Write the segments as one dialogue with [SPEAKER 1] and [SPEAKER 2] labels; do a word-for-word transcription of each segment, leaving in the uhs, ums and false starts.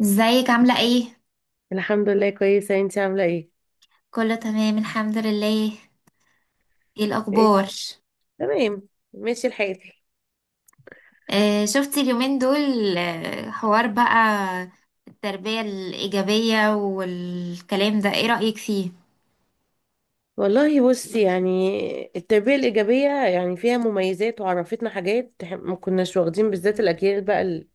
[SPEAKER 1] ازيك عاملة ايه؟
[SPEAKER 2] الحمد لله كويسة، انتي عاملة ايه؟
[SPEAKER 1] كله تمام الحمد لله. ايه
[SPEAKER 2] ايه،
[SPEAKER 1] الأخبار؟
[SPEAKER 2] تمام، ماشي الحال.
[SPEAKER 1] آه شفتي اليومين دول، آه حوار بقى، التربية الإيجابية والكلام ده ايه رأيك فيه؟
[SPEAKER 2] والله بصي، يعني التربية الإيجابية يعني فيها مميزات وعرفتنا حاجات إح- ما كناش واخدين بالذات، الأجيال بقى ال-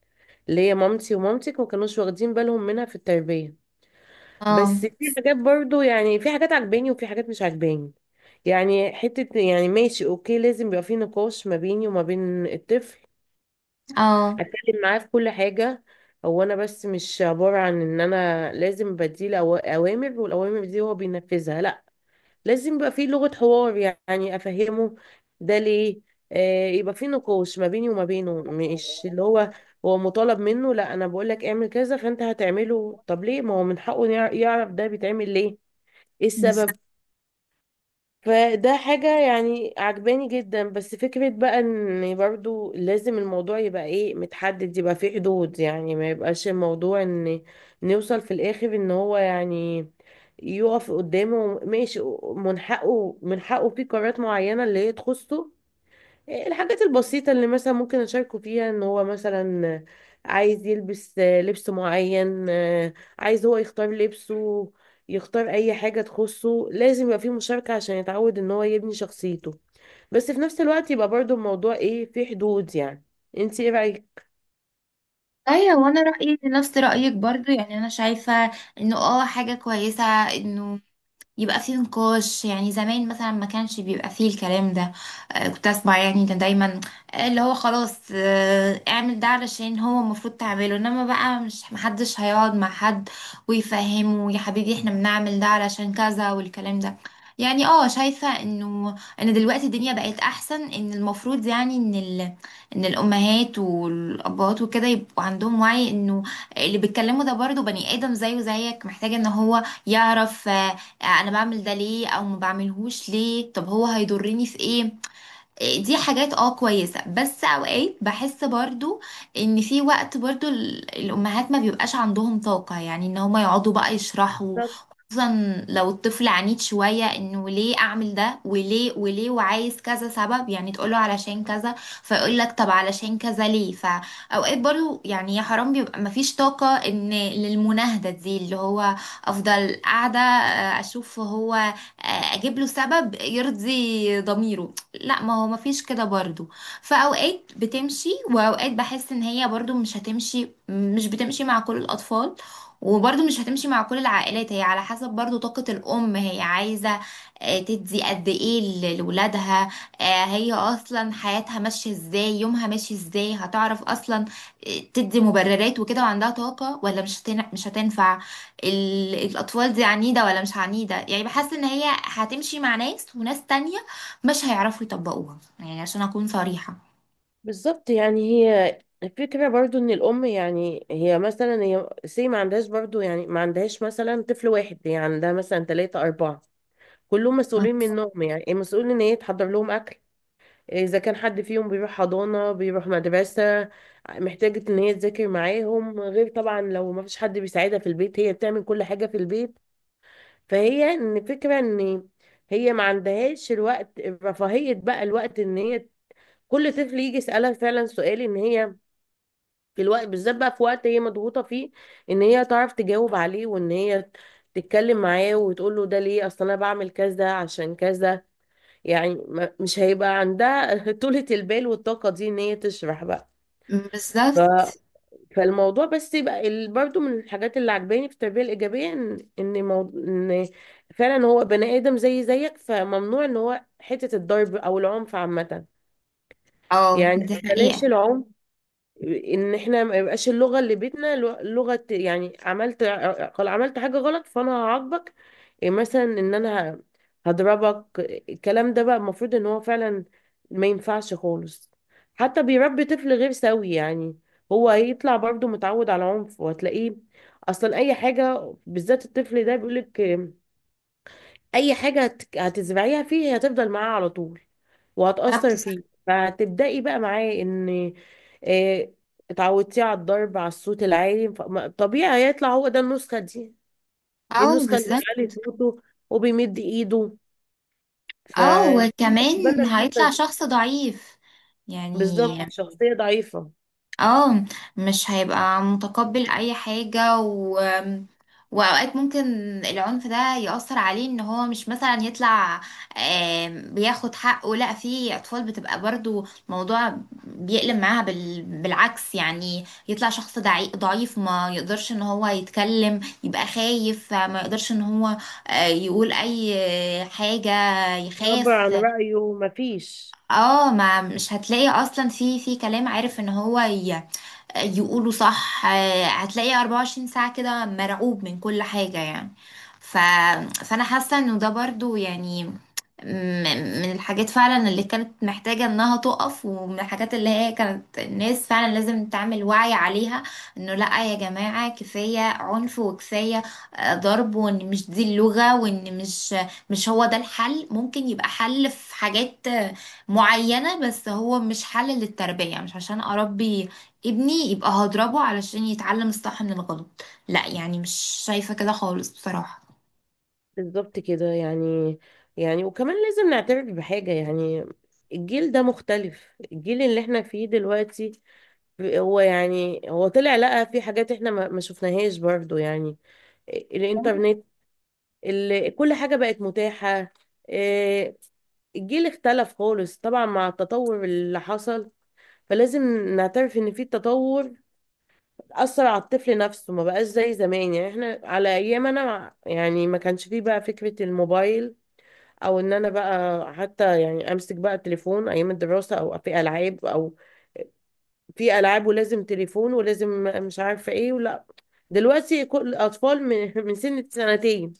[SPEAKER 2] اللي هي مامتي ومامتك ما كانوش واخدين بالهم منها في التربية. بس
[SPEAKER 1] اه.
[SPEAKER 2] في حاجات برضو، يعني في حاجات عجباني وفي حاجات مش عجباني. يعني حتة يعني ماشي، اوكي، لازم يبقى في نقاش ما بيني وما بين الطفل،
[SPEAKER 1] اه،
[SPEAKER 2] اتكلم معاه في كل حاجه. هو انا بس مش عباره عن ان انا لازم بديله أو- اوامر، والاوامر دي هو بينفذها، لا، لازم يبقى في لغه حوار، يعني افهمه ده ليه. آه، يبقى في نقاش ما بيني وما بينه، مش اللي هو هو مطالب منه، لا، انا بقول لك اعمل كذا فانت هتعمله، طب ليه؟ ما هو من حقه يع- يعرف ده بيتعمل ليه، ايه
[SPEAKER 1] بس
[SPEAKER 2] السبب. فده حاجة يعني عجباني جدا. بس فكرة بقى ان برضو لازم الموضوع يبقى ايه، متحدد، يبقى فيه حدود، يعني ما يبقاش الموضوع ان نوصل في الاخر ان هو يعني يقف قدامه ماشي. من حقه، من حقه في قرارات معينة اللي هي تخصه، الحاجات البسيطة اللي مثلا ممكن أشاركه فيها، إن هو مثلا عايز يلبس لبس معين، عايز هو يختار لبسه، يختار أي حاجة تخصه، لازم يبقى فيه مشاركة عشان يتعود إن هو يبني شخصيته. بس في نفس الوقت يبقى برضو الموضوع إيه، فيه حدود يعني. انتي إيه رأيك؟
[SPEAKER 1] ايوه، وانا رأيي نفس رأيك برضو، يعني انا شايفة انه اه حاجة كويسة، انه يبقى فيه نقاش. يعني زمان مثلا ما كانش بيبقى فيه الكلام ده، آه، كنت اسمع يعني، كان دايما آه، اللي هو خلاص آه، اعمل ده علشان هو المفروض تعمله، انما بقى مش محدش هيقعد مع حد ويفهمه يا حبيبي احنا بنعمل ده علشان كذا والكلام ده. يعني اه شايفة انه ان دلوقتي الدنيا بقت احسن، ان المفروض يعني ان ال... ان الامهات والابهات وكده يبقوا عندهم وعي انه اللي بيتكلموا ده برضه بني ادم زيه زيك، محتاج ان هو يعرف آه، آه، انا بعمل ده ليه او ما بعملهوش ليه، طب هو هيضرني في ايه. دي حاجات اه كويسة، بس اوقات بحس برضو ان في وقت برضو ال- الامهات ما بيبقاش عندهم طاقة يعني ان هما يقعدوا بقى يشرحوا،
[SPEAKER 2] بالظبط.
[SPEAKER 1] خصوصا لو الطفل عنيد شوية، انه ليه اعمل ده وليه وليه، وعايز كذا سبب يعني تقوله علشان كذا، فيقول لك طب علشان كذا ليه. فاوقات برضو يعني يا حرام بيبقى ما فيش طاقة ان للمناهدة دي اللي هو افضل قاعدة آه، اشوف هو آه، اجيب له سبب يرضي ضميره، لا ما هو مفيش كده برضو. فأوقات بتمشي وأوقات بحس إن هي برضو مش هتمشي، مش بتمشي مع كل الأطفال، وبرضو مش هتمشي مع كل العائلات، هي على حسب برضو طاقة الأم، هي عايزة آه، تدي قد إيه ل- لولادها، آه، هي أصلا حياتها ماشية إزاي، يومها ماشي إزاي، هتعرف أصلا آه، تدي مبررات وكده وعندها طاقة ولا مش هتن... مش هتنفع. ال... الأطفال دي عنيدة ولا مش عنيدة، يعني بحس إن هي هتمشي مع ناس وناس تانية مش هيعرفوا يطبقوها، يعني عشان أكون صريحة.
[SPEAKER 2] بالظبط، يعني هي الفكرة برضو إن الأم، يعني هي مثلا هي سي ما عندهاش برضو، يعني ما عندهاش مثلا طفل واحد، هي عندها مثلا تلاتة أربعة، كلهم
[SPEAKER 1] طب.
[SPEAKER 2] مسؤولين منهم. يعني المسؤول ان هي تحضر لهم اكل، اذا كان حد فيهم بيروح حضانة بيروح مدرسة، محتاجة ان هي تذاكر معاهم، غير طبعا لو ما فيش حد بيساعدها في البيت، هي بتعمل كل حاجة في البيت. فهي ان الفكرة ان هي ما عندهاش الوقت، رفاهية بقى الوقت ان هي كل طفل يجي يسألها فعلا سؤال، ان هي في الوقت بالذات بقى، في وقت هي مضغوطة فيه، ان هي تعرف تجاوب عليه وان هي تتكلم معاه وتقول له ده ليه، اصل انا بعمل كذا عشان كذا. يعني ما- مش هيبقى عندها طولة البال والطاقة دي ان هي تشرح بقى. ف...
[SPEAKER 1] بالظبط.
[SPEAKER 2] فالموضوع بس يبقى ال... برضو من الحاجات اللي عجباني في التربية الإيجابية، ان ان, مو... إن فعلا هو بني آدم زي زيك، فممنوع ان هو حتة الضرب او العنف عامة.
[SPEAKER 1] اه
[SPEAKER 2] يعني
[SPEAKER 1] دي
[SPEAKER 2] بلاش
[SPEAKER 1] حقيقة.
[SPEAKER 2] العنف، ان احنا ما يبقاش اللغه اللي بيتنا لو- لغه، يعني عملت، قال عملت حاجه غلط فانا هعاقبك، إيه مثلا ان انا ه- هضربك. الكلام ده بقى المفروض ان هو فعلا ما ينفعش خالص، حتى بيربي طفل غير سوي يعني. هو هيطلع برضه متعود على عنف، وهتلاقيه اصلا اي حاجه، بالذات الطفل ده بيقولك اي حاجة هت- هتزرعيها فيه هي هتفضل معاه على طول،
[SPEAKER 1] كتبت
[SPEAKER 2] وهتأثر
[SPEAKER 1] صح.
[SPEAKER 2] فيه. فهتبدأي بقى معاه ان آه، اتعودتيه على الضرب، على الصوت العالي، ف- ما- طبيعي هيطلع هو ده النسخة دي،
[SPEAKER 1] اه
[SPEAKER 2] النسخة اللي بيعلي
[SPEAKER 1] بالظبط.
[SPEAKER 2] صوته وبيمد ايده،
[SPEAKER 1] اه
[SPEAKER 2] فبالنا
[SPEAKER 1] وكمان
[SPEAKER 2] النسخة
[SPEAKER 1] هيطلع
[SPEAKER 2] دي.
[SPEAKER 1] شخص ضعيف يعني.
[SPEAKER 2] بالظبط، شخصية ضعيفة،
[SPEAKER 1] اه مش هيبقى متقبل اي حاجة و... واوقات ممكن العنف ده يأثر عليه ان هو مش مثلا يطلع، آم، بياخد حقه، لا في اطفال بتبقى برضو موضوع بيقلب معاها بال... بالعكس، يعني يطلع شخص دعي... ضعيف، ما يقدرش ان هو يتكلم، يبقى خايف ما يقدرش ان هو آه، يقول اي حاجة،
[SPEAKER 2] يعبر
[SPEAKER 1] يخاف.
[SPEAKER 2] عن رأيه مفيش.
[SPEAKER 1] اه ما مش هتلاقي اصلا في في كلام، عارف ان هو ي... يقولوا صح. آه، هتلاقي 24 ساعة كده مرعوب من كل حاجة، يعني ف... فأنا حاسة إنه ده برضو يعني م- من الحاجات فعلا اللي كانت محتاجة انها تقف، ومن الحاجات اللي هي كانت الناس فعلا لازم تعمل وعي عليها، انه لا يا جماعة كفاية عنف وكفاية آه، ضرب، وان مش دي اللغة، وان مش مش هو ده الحل. ممكن يبقى حل في حاجات آه، معينة، بس هو مش حل للتربية. مش عشان اربي ابني يبقى هضربه علشان يتعلم الصح من الغلط، لا، يعني مش شايفة كده خالص بصراحة.
[SPEAKER 2] بالظبط كده يعني. يعني وكمان لازم نعترف بحاجة يعني، الجيل ده مختلف، الجيل اللي احنا فيه دلوقتي. هو يعني هو طلع لقى في حاجات احنا ما ما شفناهاش برضو، يعني الانترنت، ال- كل حاجة بقت متاحة. إيه، الجيل اختلف خالص طبعا مع التطور اللي حصل. فلازم نعترف ان في تطور أثر على الطفل نفسه، ما بقاش زي زمان. يعني احنا على ايام انا مع- يعني ما كانش فيه بقى فكرة الموبايل، او ان انا بقى حتى يعني امسك بقى التليفون ايام الدراسة، او في العاب، او في العاب ولازم تليفون ولازم مش عارفه ايه ولا. دلوقتي كل الاطفال من من سن سنتين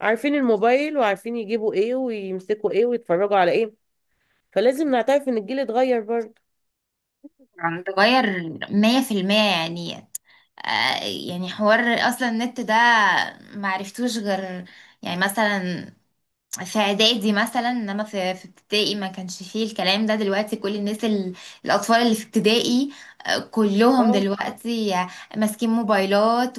[SPEAKER 2] عارفين الموبايل، وعارفين يجيبوا ايه ويمسكوا ايه ويتفرجوا على ايه. فلازم نعترف ان الجيل اتغير برضه.
[SPEAKER 1] يعني تغير مية في المية يعني. آه، يعني حوار، اصلا النت ده معرفتوش غير يعني مثلا في اعدادي، مثلا انما في في ابتدائي ما كانش فيه الكلام ده. دلوقتي كل الناس ال- الاطفال اللي في ابتدائي آه، كلهم
[SPEAKER 2] اه،
[SPEAKER 1] دلوقتي ماسكين موبايلات،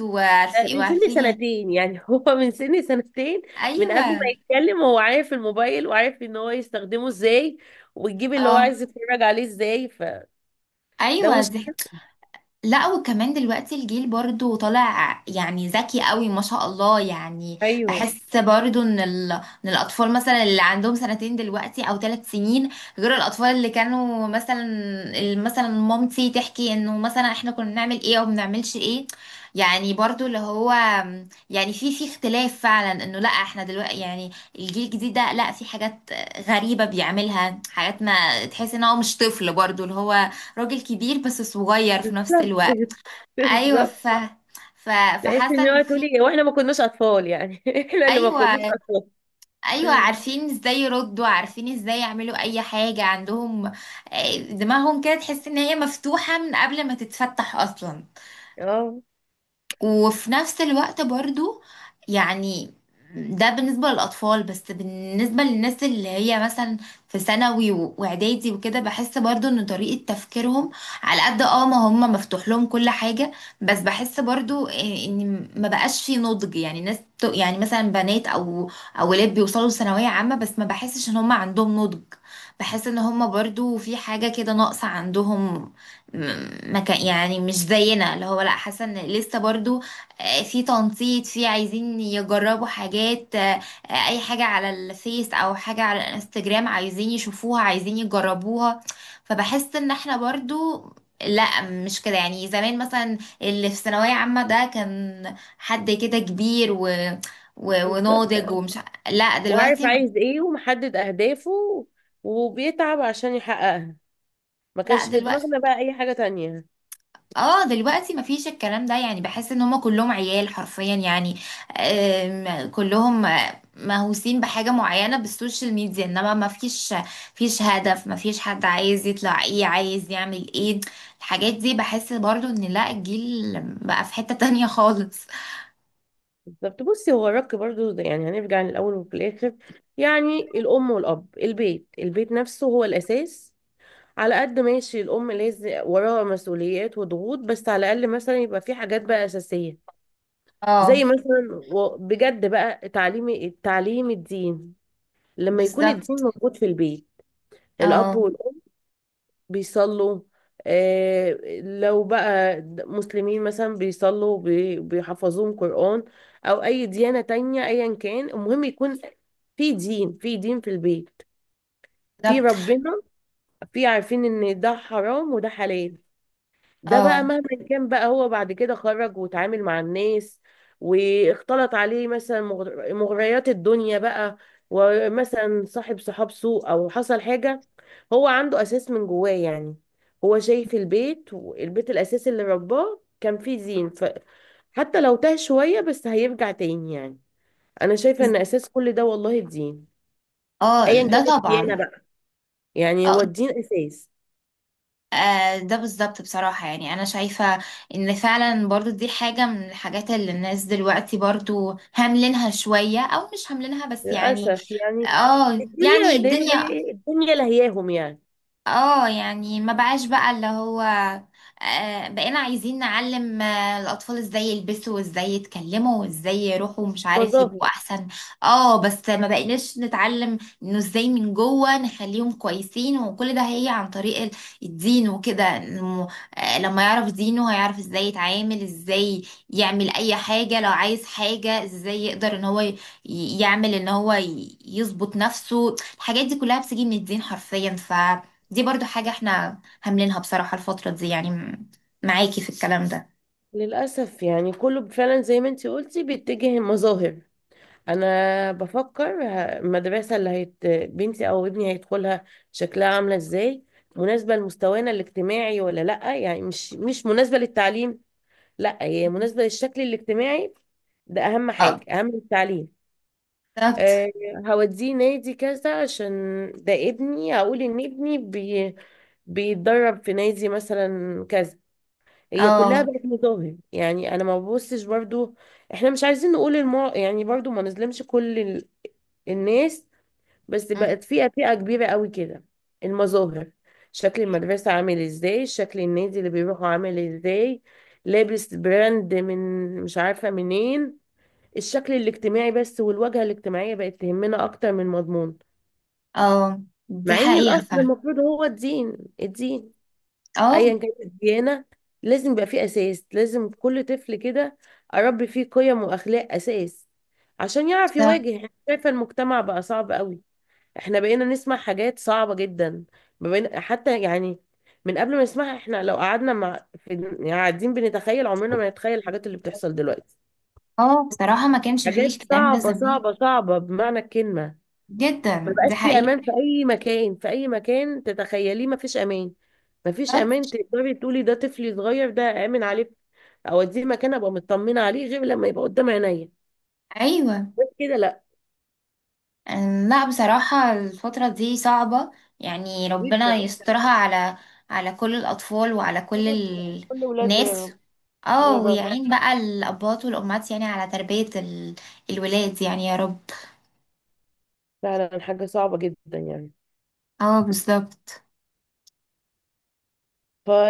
[SPEAKER 2] لا،
[SPEAKER 1] وعارفين
[SPEAKER 2] من سن
[SPEAKER 1] وعارفين يعني.
[SPEAKER 2] سنتين يعني هو من سن سنتين، من قبل ما
[SPEAKER 1] ايوه.
[SPEAKER 2] يتكلم هو عارف الموبايل وعارف ان هو يستخدمه ازاي، ويجيب اللي هو
[SPEAKER 1] اه.
[SPEAKER 2] عايز يتفرج عليه ازاي، فده
[SPEAKER 1] ايوه دي
[SPEAKER 2] مشكلة.
[SPEAKER 1] لا. وكمان دلوقتي الجيل برضو طالع يعني ذكي قوي ما شاء الله يعني.
[SPEAKER 2] ايوه.
[SPEAKER 1] بحس برضو ان ال... ان الاطفال مثلا اللي عندهم سنتين دلوقتي او ثلاث سنين، غير الاطفال اللي كانوا مثلا ال- مثلا مامتي تحكي انه مثلا احنا كنا بنعمل ايه او بنعملش ايه. يعني برضو اللي هو يعني في في اختلاف فعلا، انه لا احنا دلوقتي يعني الجيل الجديد ده، لا في حاجات غريبة بيعملها، حاجات ما تحس ان هو مش طفل برضو، اللي هو راجل كبير بس صغير في نفس
[SPEAKER 2] بالظبط
[SPEAKER 1] الوقت. ايوه
[SPEAKER 2] بالظبط.
[SPEAKER 1] ف ف
[SPEAKER 2] تحس
[SPEAKER 1] فحاسه
[SPEAKER 2] ان
[SPEAKER 1] ان
[SPEAKER 2] هو
[SPEAKER 1] في،
[SPEAKER 2] تقولي واحنا ما كناش اطفال يعني احنا اللي ما كناش
[SPEAKER 1] ايوه
[SPEAKER 2] اطفال.
[SPEAKER 1] ايوه، عارفين ازاي يردوا، عارفين ازاي يعملوا اي حاجه عندهم آه، دماغهم كده، تحس ان هي مفتوحه من قبل ما تتفتح اصلا.
[SPEAKER 2] اه.
[SPEAKER 1] وفي نفس الوقت برضو يعني ده بالنسبة للأطفال. بس بالنسبة للناس اللي هي مثلا في ثانوي و- وإعدادي وكده، بحس برضو إن طريقة تفكيرهم على قد اه ما هم، مفتوح لهم كل حاجة، بس بحس برضو إيه إن ما بقاش في نضج. يعني ناس بت- يعني مثلا بنات أو أو ولاد بيوصلوا لثانوية عامة، بس ما بحسش إن هم عندهم نضج، بحس إن هم برضو في حاجة كده ناقصة عندهم، م- ما كان يعني مش زينا اللي هو، لا حاسه ان لسه برضو آه، في تنطيط، في عايزين يجربوا حاجات آه، آه، اي حاجه على الفيس او حاجه على الانستجرام عايزين يشوفوها عايزين يجربوها. فبحس ان احنا برضو لا مش كده. يعني زمان مثلا اللي في ثانويه عامه ده كان حد كده كبير و... و...
[SPEAKER 2] بالظبط،
[SPEAKER 1] وناضج ومش ع- لا
[SPEAKER 2] وعارف
[SPEAKER 1] دلوقتي،
[SPEAKER 2] عايز ايه ومحدد اهدافه، وبيتعب عشان يحققها، ما
[SPEAKER 1] لا
[SPEAKER 2] كانش في
[SPEAKER 1] دلوقتي
[SPEAKER 2] دماغنا بقى اي حاجة تانية.
[SPEAKER 1] اه دلوقتي مفيش الكلام ده. يعني بحس ان هما كلهم عيال حرفيا، يعني آم، كلهم آه، مهووسين بحاجة معينة بالسوشيال ميديا، انما مفيش مفيش هدف، مفيش حد عايز يطلع ايه، عايز يعمل ايه. الحاجات دي بحس برضو ان لا، الجيل بقى في حتة تانية خالص.
[SPEAKER 2] بالظبط. بصي هو الرك برضو ده يعني هنرجع للاول وفي الاخر، يعني الام والاب البيت، البيت نفسه هو الاساس. على قد ماشي الام لازم وراها مسؤوليات وضغوط، بس على الاقل مثلا يبقى في حاجات بقى اساسية، زي
[SPEAKER 1] اه
[SPEAKER 2] مثلا و- بجد بقى تعليم، التعليم، الدين. لما يكون الدين
[SPEAKER 1] بالظبط.
[SPEAKER 2] موجود في البيت، الأب
[SPEAKER 1] اه
[SPEAKER 2] والأم بيصلوا، آه، لو بقى مسلمين مثلا، بيصلوا، بي- بيحفظوهم قرآن، أو أي ديانة تانية أيا كان، المهم يكون في دين، في دين في البيت، في
[SPEAKER 1] بالظبط.
[SPEAKER 2] ربنا، في عارفين إن ده حرام وده حلال. ده بقى
[SPEAKER 1] اه
[SPEAKER 2] مهما كان بقى هو بعد كده خرج وتعامل مع الناس واختلط عليه مثلا مغر- مغريات الدنيا بقى، ومثلا صاحب صحاب سوء او حصل حاجة، هو عنده اساس من جواه يعني. هو شايف البيت، والبيت الاساس اللي رباه كان فيه زين، فحتى لو تاه شوية بس هيرجع تاني يعني. انا شايفة
[SPEAKER 1] بز-
[SPEAKER 2] ان اساس كل ده والله الدين،
[SPEAKER 1] اه
[SPEAKER 2] ايا
[SPEAKER 1] ده
[SPEAKER 2] كانت الديانة
[SPEAKER 1] طبعا.
[SPEAKER 2] بقى، يعني
[SPEAKER 1] اه
[SPEAKER 2] هو الدين اساس.
[SPEAKER 1] آه، ده بالظبط بصراحة. يعني أنا شايفة إن فعلا برضو دي حاجة من الحاجات اللي الناس دلوقتي برضو هاملينها شوية، أو مش هاملينها بس يعني.
[SPEAKER 2] للأسف يعني
[SPEAKER 1] اه يعني
[SPEAKER 2] الدنيا اللي هي زي
[SPEAKER 1] الدنيا،
[SPEAKER 2] إيه؟ الدنيا لهياهم يعني،
[SPEAKER 1] اه يعني ما بقاش بقى اللي هو آه، بقينا عايزين نعلم آه، الأطفال ازاي يلبسوا وازاي يتكلموا وازاي يروحوا مش عارف،
[SPEAKER 2] مظاهر.
[SPEAKER 1] يبقوا أحسن. اه بس ما بقيناش نتعلم انه ازاي من جوه نخليهم كويسين، وكل ده هي عن طريق ال- الدين وكده. إنه آه، لما يعرف دينه هيعرف ازاي يتعامل، ازاي يعمل أي حاجة، لو عايز حاجة ازاي يقدر ان هو ي- يعمل، ان هو ي- يظبط نفسه. الحاجات دي كلها بتيجي من الدين حرفيا. ف دي برضو حاجة احنا هاملينها بصراحة الفترة دي، يعني م- معاكي في الكلام ده.
[SPEAKER 2] للأسف يعني كله فعلا زي ما انتي قلتي بيتجه المظاهر. أنا بفكر ه- المدرسة اللي هيت... بنتي أو ابني هيدخلها شكلها عاملة ازاي، مناسبة لمستوانا الاجتماعي ولا لأ، يعني مش مش مناسبة للتعليم، لأ هي مناسبة للشكل الاجتماعي، ده أهم
[SPEAKER 1] اه
[SPEAKER 2] حاجة أهم من التعليم.
[SPEAKER 1] بالظبط.
[SPEAKER 2] آه، هوديه نادي كذا عشان ده ابني، اقول ان ابني بي بيتدرب في نادي مثلا كذا. هي كلها
[SPEAKER 1] اه
[SPEAKER 2] بقت مظاهر يعني. انا ما ببصش برضو، احنا مش عايزين نقول المو... يعني برضو ما نظلمش كل ال... الناس، بس
[SPEAKER 1] م-
[SPEAKER 2] بقت فئة، فئة كبيرة قوي كده، المظاهر، شكل المدرسة عامل ازاي، شكل النادي اللي بيروحوا عامل ازاي، لابس براند من مش عارفة منين، الشكل الاجتماعي بس والواجهة الاجتماعية بقت تهمنا أكتر من المضمون.
[SPEAKER 1] اه دي
[SPEAKER 2] مع إن
[SPEAKER 1] حقيقة
[SPEAKER 2] الأصل
[SPEAKER 1] فعلا.
[SPEAKER 2] المفروض هو الدين، الدين،
[SPEAKER 1] اه
[SPEAKER 2] أيا كانت الديانة، لازم يبقى فيه أساس، لازم كل طفل كده أربي فيه قيم وأخلاق أساس عشان يعرف
[SPEAKER 1] بصراحة.
[SPEAKER 2] يواجه. إحنا شايفة المجتمع بقى صعب قوي، إحنا بقينا نسمع حاجات صعبة جدا، ما بقينا حتى يعني، من قبل ما نسمعها إحنا لو قعدنا مع في يعني قاعدين بنتخيل، عمرنا ما نتخيل الحاجات اللي بتحصل دلوقتي.
[SPEAKER 1] اه بصراحة ما كانش فيه
[SPEAKER 2] حاجات
[SPEAKER 1] الكلام ده
[SPEAKER 2] صعبة
[SPEAKER 1] زمان.
[SPEAKER 2] صعبة صعبة بمعنى الكلمة. ما
[SPEAKER 1] جدا
[SPEAKER 2] بقاش
[SPEAKER 1] دي
[SPEAKER 2] في
[SPEAKER 1] حقيقة.
[SPEAKER 2] امان في اي مكان، في اي مكان تتخيليه ما فيش امان، ما فيش امان
[SPEAKER 1] بالظبط.
[SPEAKER 2] تقدري تقولي ده طفلي صغير ده امن عليه، اوديه مكان ابقى مطمنه عليه غير لما يبقى قدام عينيا،
[SPEAKER 1] ايوه
[SPEAKER 2] بس كده لا.
[SPEAKER 1] لا بصراحة الفترة دي صعبة، يعني ربنا
[SPEAKER 2] جدا.
[SPEAKER 1] يسترها على على كل الأطفال وعلى
[SPEAKER 2] يا
[SPEAKER 1] كل
[SPEAKER 2] رب،
[SPEAKER 1] ال-
[SPEAKER 2] كل ولادنا يا
[SPEAKER 1] الناس،
[SPEAKER 2] رب،
[SPEAKER 1] اه
[SPEAKER 2] يا رب.
[SPEAKER 1] ويعين بقى الأباء والأمهات يعني على تربية ال- الولاد يعني يا رب.
[SPEAKER 2] فعلا حاجه صعبه جدا يعني.
[SPEAKER 1] اه بالظبط
[SPEAKER 2] ف